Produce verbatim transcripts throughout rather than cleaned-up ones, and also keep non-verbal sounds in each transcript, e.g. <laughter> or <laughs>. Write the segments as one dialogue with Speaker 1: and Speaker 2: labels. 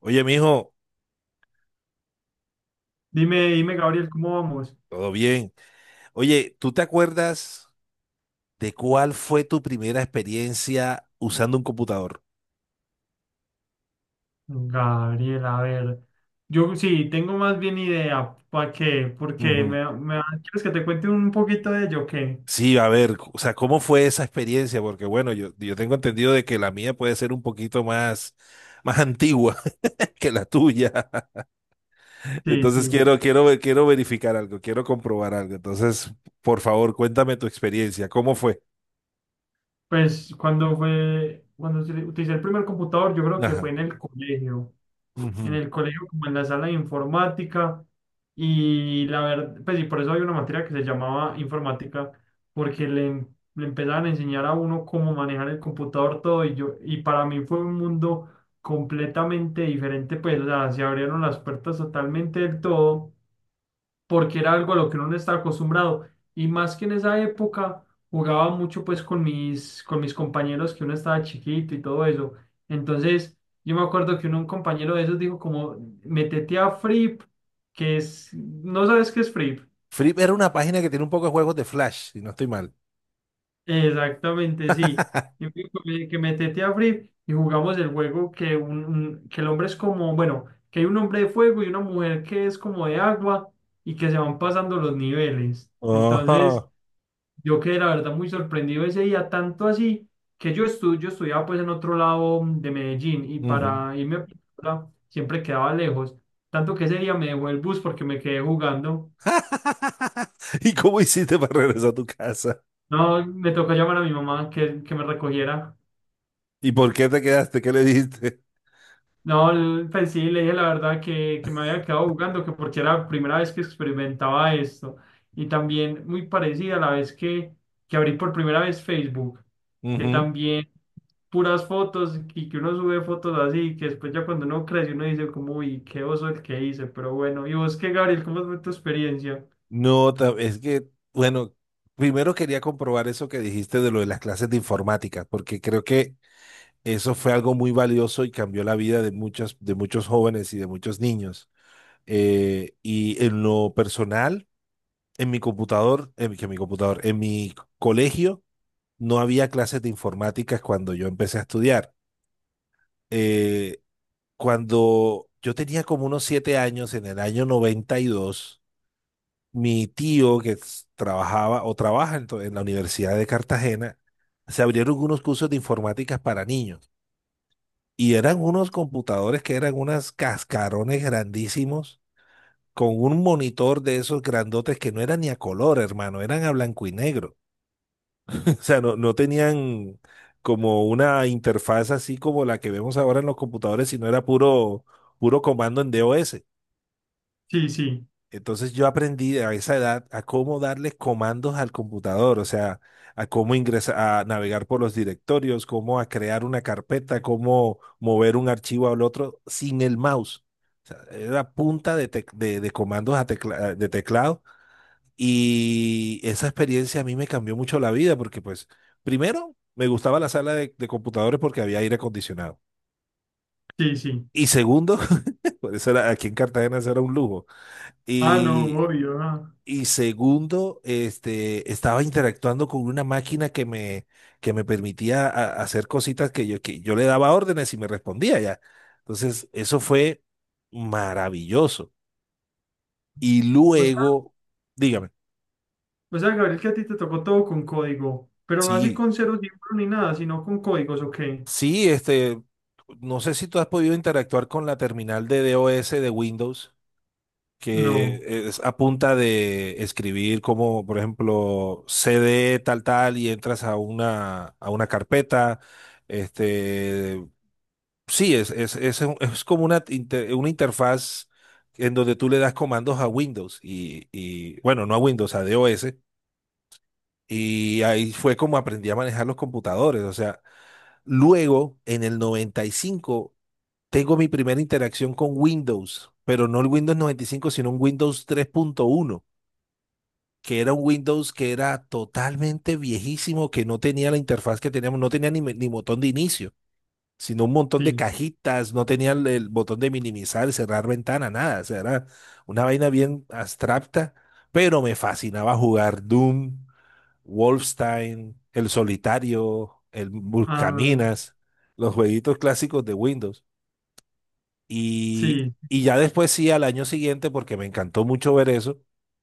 Speaker 1: Oye, mijo,
Speaker 2: Dime, dime, Gabriel, ¿cómo vamos?
Speaker 1: todo bien. Oye, ¿tú te acuerdas de cuál fue tu primera experiencia usando un computador?
Speaker 2: Gabriel, a ver, yo sí, tengo más bien idea, ¿para qué? Porque
Speaker 1: Ujú.
Speaker 2: me, me, ¿quieres que te cuente un poquito de ello? ¿O qué?
Speaker 1: Sí, a ver, o sea, ¿cómo fue esa experiencia? Porque bueno, yo, yo tengo entendido de que la mía puede ser un poquito más, más antigua <laughs> que la tuya. <laughs>
Speaker 2: Sí, sí.
Speaker 1: Entonces quiero, quiero, ver- quiero verificar algo, quiero comprobar algo. Entonces, por favor, cuéntame tu experiencia. ¿Cómo fue?
Speaker 2: Pues cuando fue, cuando se- utilicé el primer computador, yo creo que fue
Speaker 1: Ajá.
Speaker 2: en el colegio, en
Speaker 1: Ujú.
Speaker 2: el colegio, como en la sala de informática. Y la verdad, pues y por eso había una materia que se llamaba informática, porque le, em-, le empezaban a enseñar a uno cómo manejar el computador todo. Y yo, y para mí fue un mundo completamente diferente, pues o sea, se abrieron las puertas totalmente del todo porque era algo a lo que uno no está acostumbrado. Y más que en esa época jugaba mucho pues con mis, con mis compañeros, que uno estaba chiquito y todo eso. Entonces yo me acuerdo que uno, un compañero de esos dijo como, métete a Frip, que es, no sabes qué es Frip.
Speaker 1: Flip era una página que tiene un poco de juegos de Flash, si no estoy mal.
Speaker 2: Exactamente, sí. Y me dijo que que métete a Frip y jugamos el juego que, un, un- que el hombre es como, bueno, que hay un hombre de fuego y una mujer que es como de agua y que se van pasando los niveles. Entonces,
Speaker 1: Ajá.
Speaker 2: yo quedé la verdad muy sorprendido ese día, tanto así que yo, estu yo estudiaba pues en otro lado de Medellín, y
Speaker 1: Ujú.
Speaker 2: para irme a Piura siempre quedaba lejos, tanto que ese día me dejó el bus porque me quedé jugando.
Speaker 1: <laughs> ¿Y cómo hiciste para regresar a tu casa?
Speaker 2: No, me tocó llamar a mi mamá que, que me recogiera.
Speaker 1: ¿Y por qué te quedaste? ¿Qué le dijiste?
Speaker 2: No, l- pues sí, le dije la verdad, que, que me había quedado jugando, que porque era la primera vez que experimentaba esto. Y también muy parecida a la vez que, que abrí por primera vez Facebook, que
Speaker 1: Ujú.
Speaker 2: también puras fotos y que uno sube fotos así, que después ya cuando uno crece uno dice como, uy, qué oso el que hice, pero bueno. ¿Y vos qué, Gabriel? ¿Cómo fue tu experiencia?
Speaker 1: No, ta- es que, bueno, primero quería comprobar eso que dijiste de lo de las clases de informática, porque creo que eso fue algo muy valioso y cambió la vida de muchos, de muchos jóvenes y de muchos niños. Eh, y en lo personal, en mi computador, en, mi- que mi computador, en mi colegio no había clases de informática cuando yo empecé a estudiar. Eh, cuando yo tenía como unos siete años, en el año noventa y dos, mi tío que s- trabajaba o trabaja en, to- en la Universidad de Cartagena, se abrieron unos cursos de informática para niños. Y eran unos computadores que eran unas cascarones grandísimos con un monitor de esos grandotes que no eran ni a color, hermano, eran a blanco y negro. <laughs> O sea, no, no tenían como una interfaz así como la que vemos ahora en los computadores, sino era puro, puro comando en DOS.
Speaker 2: Sí, sí,
Speaker 1: Entonces yo aprendí a esa edad a cómo darle comandos al computador, o sea, a cómo ingresar, a navegar por los directorios, cómo a crear una carpeta, cómo mover un archivo al otro sin el mouse. O sea, era punta de, tec- de, de comandos a tecla- de teclado y esa experiencia a mí me cambió mucho la vida porque pues, primero, me gustaba la sala de, de computadores porque había aire acondicionado.
Speaker 2: sí, sí.
Speaker 1: Y segundo, <laughs> por eso era, aquí en Cartagena eso era un lujo.
Speaker 2: Ah, no,
Speaker 1: Y
Speaker 2: obvio, ah.
Speaker 1: Y segundo, este, estaba interactuando con una máquina que me, que me permitía a- hacer cositas que yo, que yo le daba órdenes y me respondía ya. Entonces, eso fue maravilloso. Y
Speaker 2: O sea,
Speaker 1: luego, dígame,
Speaker 2: o sea, Gabriel, que a ti te tocó todo con código, pero no así
Speaker 1: sí,
Speaker 2: con ceros y uno ni nada, sino con códigos, ¿o qué?
Speaker 1: sí, este, no sé si tú has podido interactuar con la terminal de DOS de Windows, que
Speaker 2: No,
Speaker 1: es a punta de escribir como, por ejemplo, C D tal tal y entras a una, a una carpeta. Este, sí, es, es, es, un- es como una, inter- una interfaz en donde tú le das comandos a Windows y, y bueno, no a Windows, a DOS. Y ahí fue como aprendí a manejar los computadores. O sea, luego en el noventa y cinco tengo mi primera interacción con Windows, pero no el Windows noventa y cinco sino un Windows tres punto uno, que era un Windows que era totalmente viejísimo, que no tenía la interfaz que teníamos, no tenía ni, me- ni botón de inicio, sino un montón de
Speaker 2: sí.
Speaker 1: cajitas, no tenía el, el botón de minimizar, cerrar ventana, nada. O sea, era una vaina bien abstracta, pero me fascinaba jugar Doom, Wolfenstein, El Solitario, el
Speaker 2: Ah,
Speaker 1: Buscaminas, los jueguitos clásicos de Windows. Y,
Speaker 2: sí.
Speaker 1: y ya después sí, al año siguiente, porque me encantó mucho ver eso,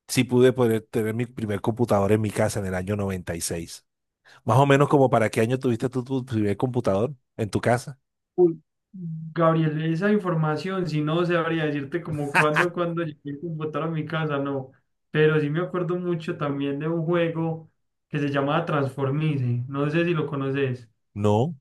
Speaker 1: sí pude poder tener mi primer computador en mi casa en el año noventa y seis. Más o menos como para qué año tuviste tú tu primer computador en tu casa.
Speaker 2: Uy, Gabriel, esa información, si no, sabría decirte como cuándo, cuándo llegué el computador a mi casa, no. Pero sí me acuerdo mucho también de un juego que se llamaba Transformice. No sé si lo conoces.
Speaker 1: No.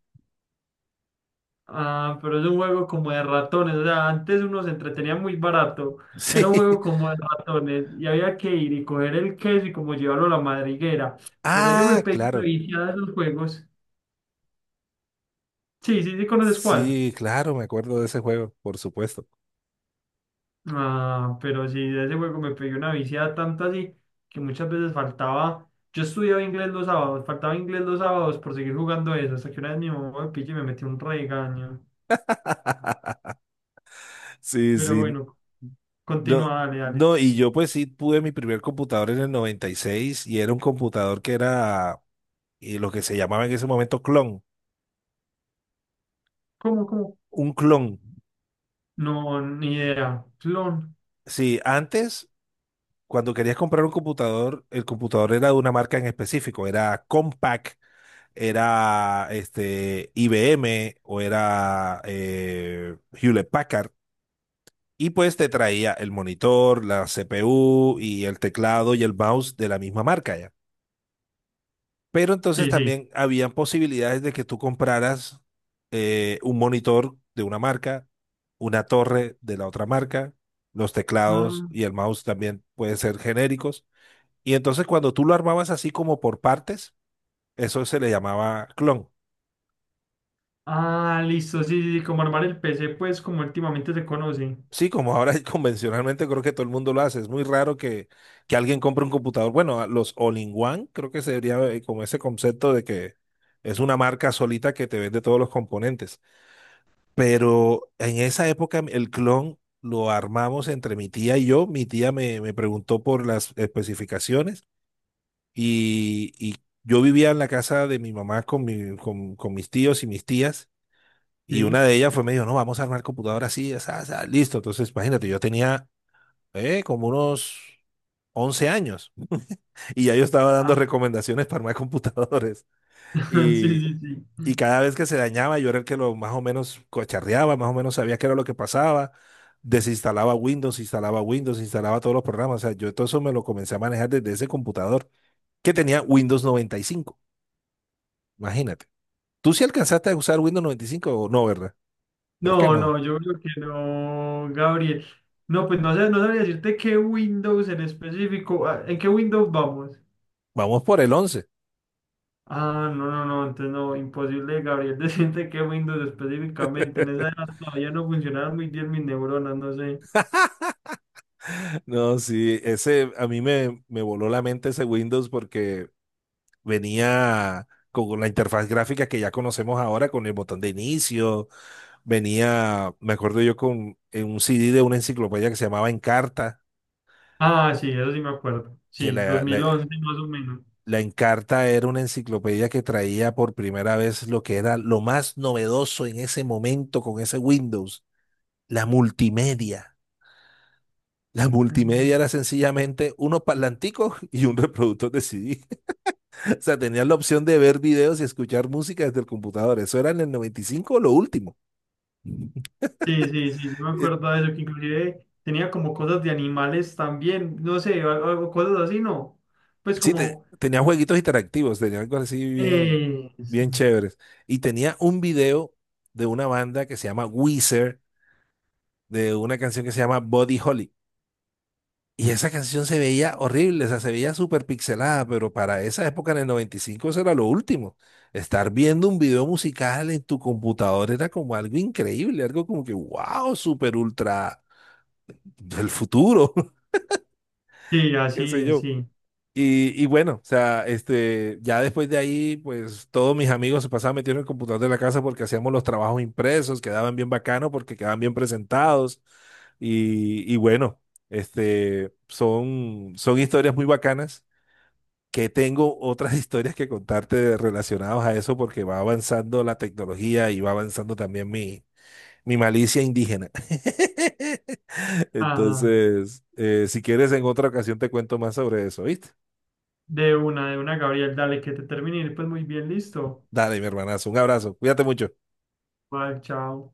Speaker 2: Ah, pero es un juego como de ratones. O sea, antes uno se entretenía muy barato.
Speaker 1: Sí.
Speaker 2: Era un juego
Speaker 1: <laughs>
Speaker 2: como de ratones y había que ir y coger el queso y como llevarlo a la madriguera. Pero yo me
Speaker 1: Ah,
Speaker 2: pegué una
Speaker 1: claro.
Speaker 2: viciada de esos juegos. Sí, sí, sí, ¿conoces cuál?
Speaker 1: Sí, claro, me acuerdo de ese juego, por supuesto.
Speaker 2: Ah, pero sí, de ese juego me pegué una viciada tanto así que muchas veces faltaba. Yo estudiaba inglés los sábados, faltaba inglés los sábados por seguir jugando eso, hasta que una vez mi mamá me pilló y me metió un regaño.
Speaker 1: Sí,
Speaker 2: Pero
Speaker 1: sí.
Speaker 2: bueno,
Speaker 1: No,
Speaker 2: continúa, dale, dale.
Speaker 1: no, y
Speaker 2: Sí.
Speaker 1: yo pues sí pude mi primer computador en el noventa y seis y seis y era un computador que era eh, lo que se llamaba en ese momento clon.
Speaker 2: ¿Cómo, cómo?
Speaker 1: Un clon.
Speaker 2: No, ni idea. Clon.
Speaker 1: Sí, antes cuando querías comprar un computador, el computador era de una marca en específico, era Compaq, era este, I B M o era eh, Hewlett Packard. Y pues te traía el monitor, la C P U y el teclado y el mouse de la misma marca ya. Pero entonces
Speaker 2: Sí, sí.
Speaker 1: también habían posibilidades de que tú compraras eh, un monitor de una marca, una torre de la otra marca, los teclados
Speaker 2: Ah,
Speaker 1: y el mouse también pueden ser genéricos y entonces cuando tú lo armabas así como por partes, eso se le llamaba clon.
Speaker 2: ah, listo, sí, sí, sí, como armar el P C, pues como últimamente se conoce.
Speaker 1: Sí, como ahora <laughs> convencionalmente creo que todo el mundo lo hace. Es muy raro que, que alguien compre un computador. Bueno, a los all-in-one creo que se debería eh, como ese concepto de que es una marca solita que te vende todos los componentes. Pero en esa época el clon lo armamos entre mi tía y yo. Mi tía me, me preguntó por las especificaciones y, y yo vivía en la casa de mi mamá con, mi- con con mis tíos y mis tías. Y
Speaker 2: Sí.
Speaker 1: una de ellas fue, me dijo, no, vamos a armar computadora así, asá, asá, listo. Entonces, imagínate, yo tenía eh, como unos once años y ya yo estaba
Speaker 2: Ah,
Speaker 1: dando recomendaciones para armar <laughs> computadores.
Speaker 2: <laughs> sí,
Speaker 1: Y,
Speaker 2: sí, sí.
Speaker 1: y cada vez que se dañaba, yo era el que lo más o menos cocharreaba, más o menos sabía qué era lo que pasaba. Desinstalaba Windows, instalaba Windows, instalaba todos los programas. O sea, yo todo eso me lo comencé a manejar desde ese computador que tenía Windows noventa y cinco. Imagínate. ¿Tú sí alcanzaste a usar Windows noventa y cinco o no, verdad? Creo que
Speaker 2: No,
Speaker 1: no.
Speaker 2: no, yo creo que no, Gabriel. No, pues no sé, no sabría decirte qué Windows en específico. Ah, ¿en qué Windows vamos?
Speaker 1: Vamos por el once.
Speaker 2: Ah, no, no, no, entonces no, imposible, Gabriel, <laughs> decirte qué Windows específicamente. En esa edad todavía no funcionaban muy bien mis neuronas, no sé.
Speaker 1: No, sí, ese a mí me, me voló la mente ese Windows porque venía con la interfaz gráfica que ya conocemos ahora, con el botón de inicio, venía, me acuerdo yo con en un C D de una enciclopedia que se llamaba Encarta,
Speaker 2: Ah, sí, eso sí me acuerdo.
Speaker 1: que
Speaker 2: Sí, dos
Speaker 1: la, la,
Speaker 2: mil once más o menos.
Speaker 1: la Encarta era una enciclopedia que traía por primera vez lo que era lo más novedoso en ese momento con ese Windows, la multimedia. La multimedia
Speaker 2: Mm.
Speaker 1: era sencillamente unos parlanticos y un reproductor de C D. O sea, tenías la opción de ver videos y escuchar música desde el computador. Eso era en el noventa y cinco lo último.
Speaker 2: Sí, sí, sí, sí me
Speaker 1: Eh,
Speaker 2: acuerdo de eso, que inclusive tenía como cosas de animales también, no sé, o, o cosas así, ¿no? Pues
Speaker 1: Sí, te-
Speaker 2: como...
Speaker 1: tenía jueguitos interactivos, tenía algo así bien,
Speaker 2: Eso.
Speaker 1: bien chéveres. Y tenía un video de una banda que se llama Weezer, de una canción que se llama Body Holly. Y esa canción se veía horrible, o sea, se veía súper pixelada, pero para esa época en el noventa y cinco eso era lo último. Estar viendo un video musical en tu computador era como algo increíble, algo como que, wow, súper ultra del futuro, <laughs>
Speaker 2: Sí,
Speaker 1: qué
Speaker 2: así
Speaker 1: sé
Speaker 2: es,
Speaker 1: yo.
Speaker 2: sí.
Speaker 1: Y, y bueno, o sea, este, ya después de ahí, pues todos mis amigos se pasaban metiendo en el computador de la casa porque hacíamos los trabajos impresos, quedaban bien bacanos porque quedaban bien presentados. Y, y bueno, este, son, son historias muy bacanas que tengo otras <laughs> historias que contarte relacionadas a eso porque va avanzando la tecnología y va avanzando también mi, mi malicia indígena. <laughs>
Speaker 2: Ah,
Speaker 1: Entonces, eh, si quieres, en otra ocasión te cuento más sobre eso, ¿viste?
Speaker 2: de una, de una, Gabriel, dale, que te termine. Pues muy bien, listo.
Speaker 1: Dale, mi hermanazo, un abrazo, cuídate mucho.
Speaker 2: Bye, chao.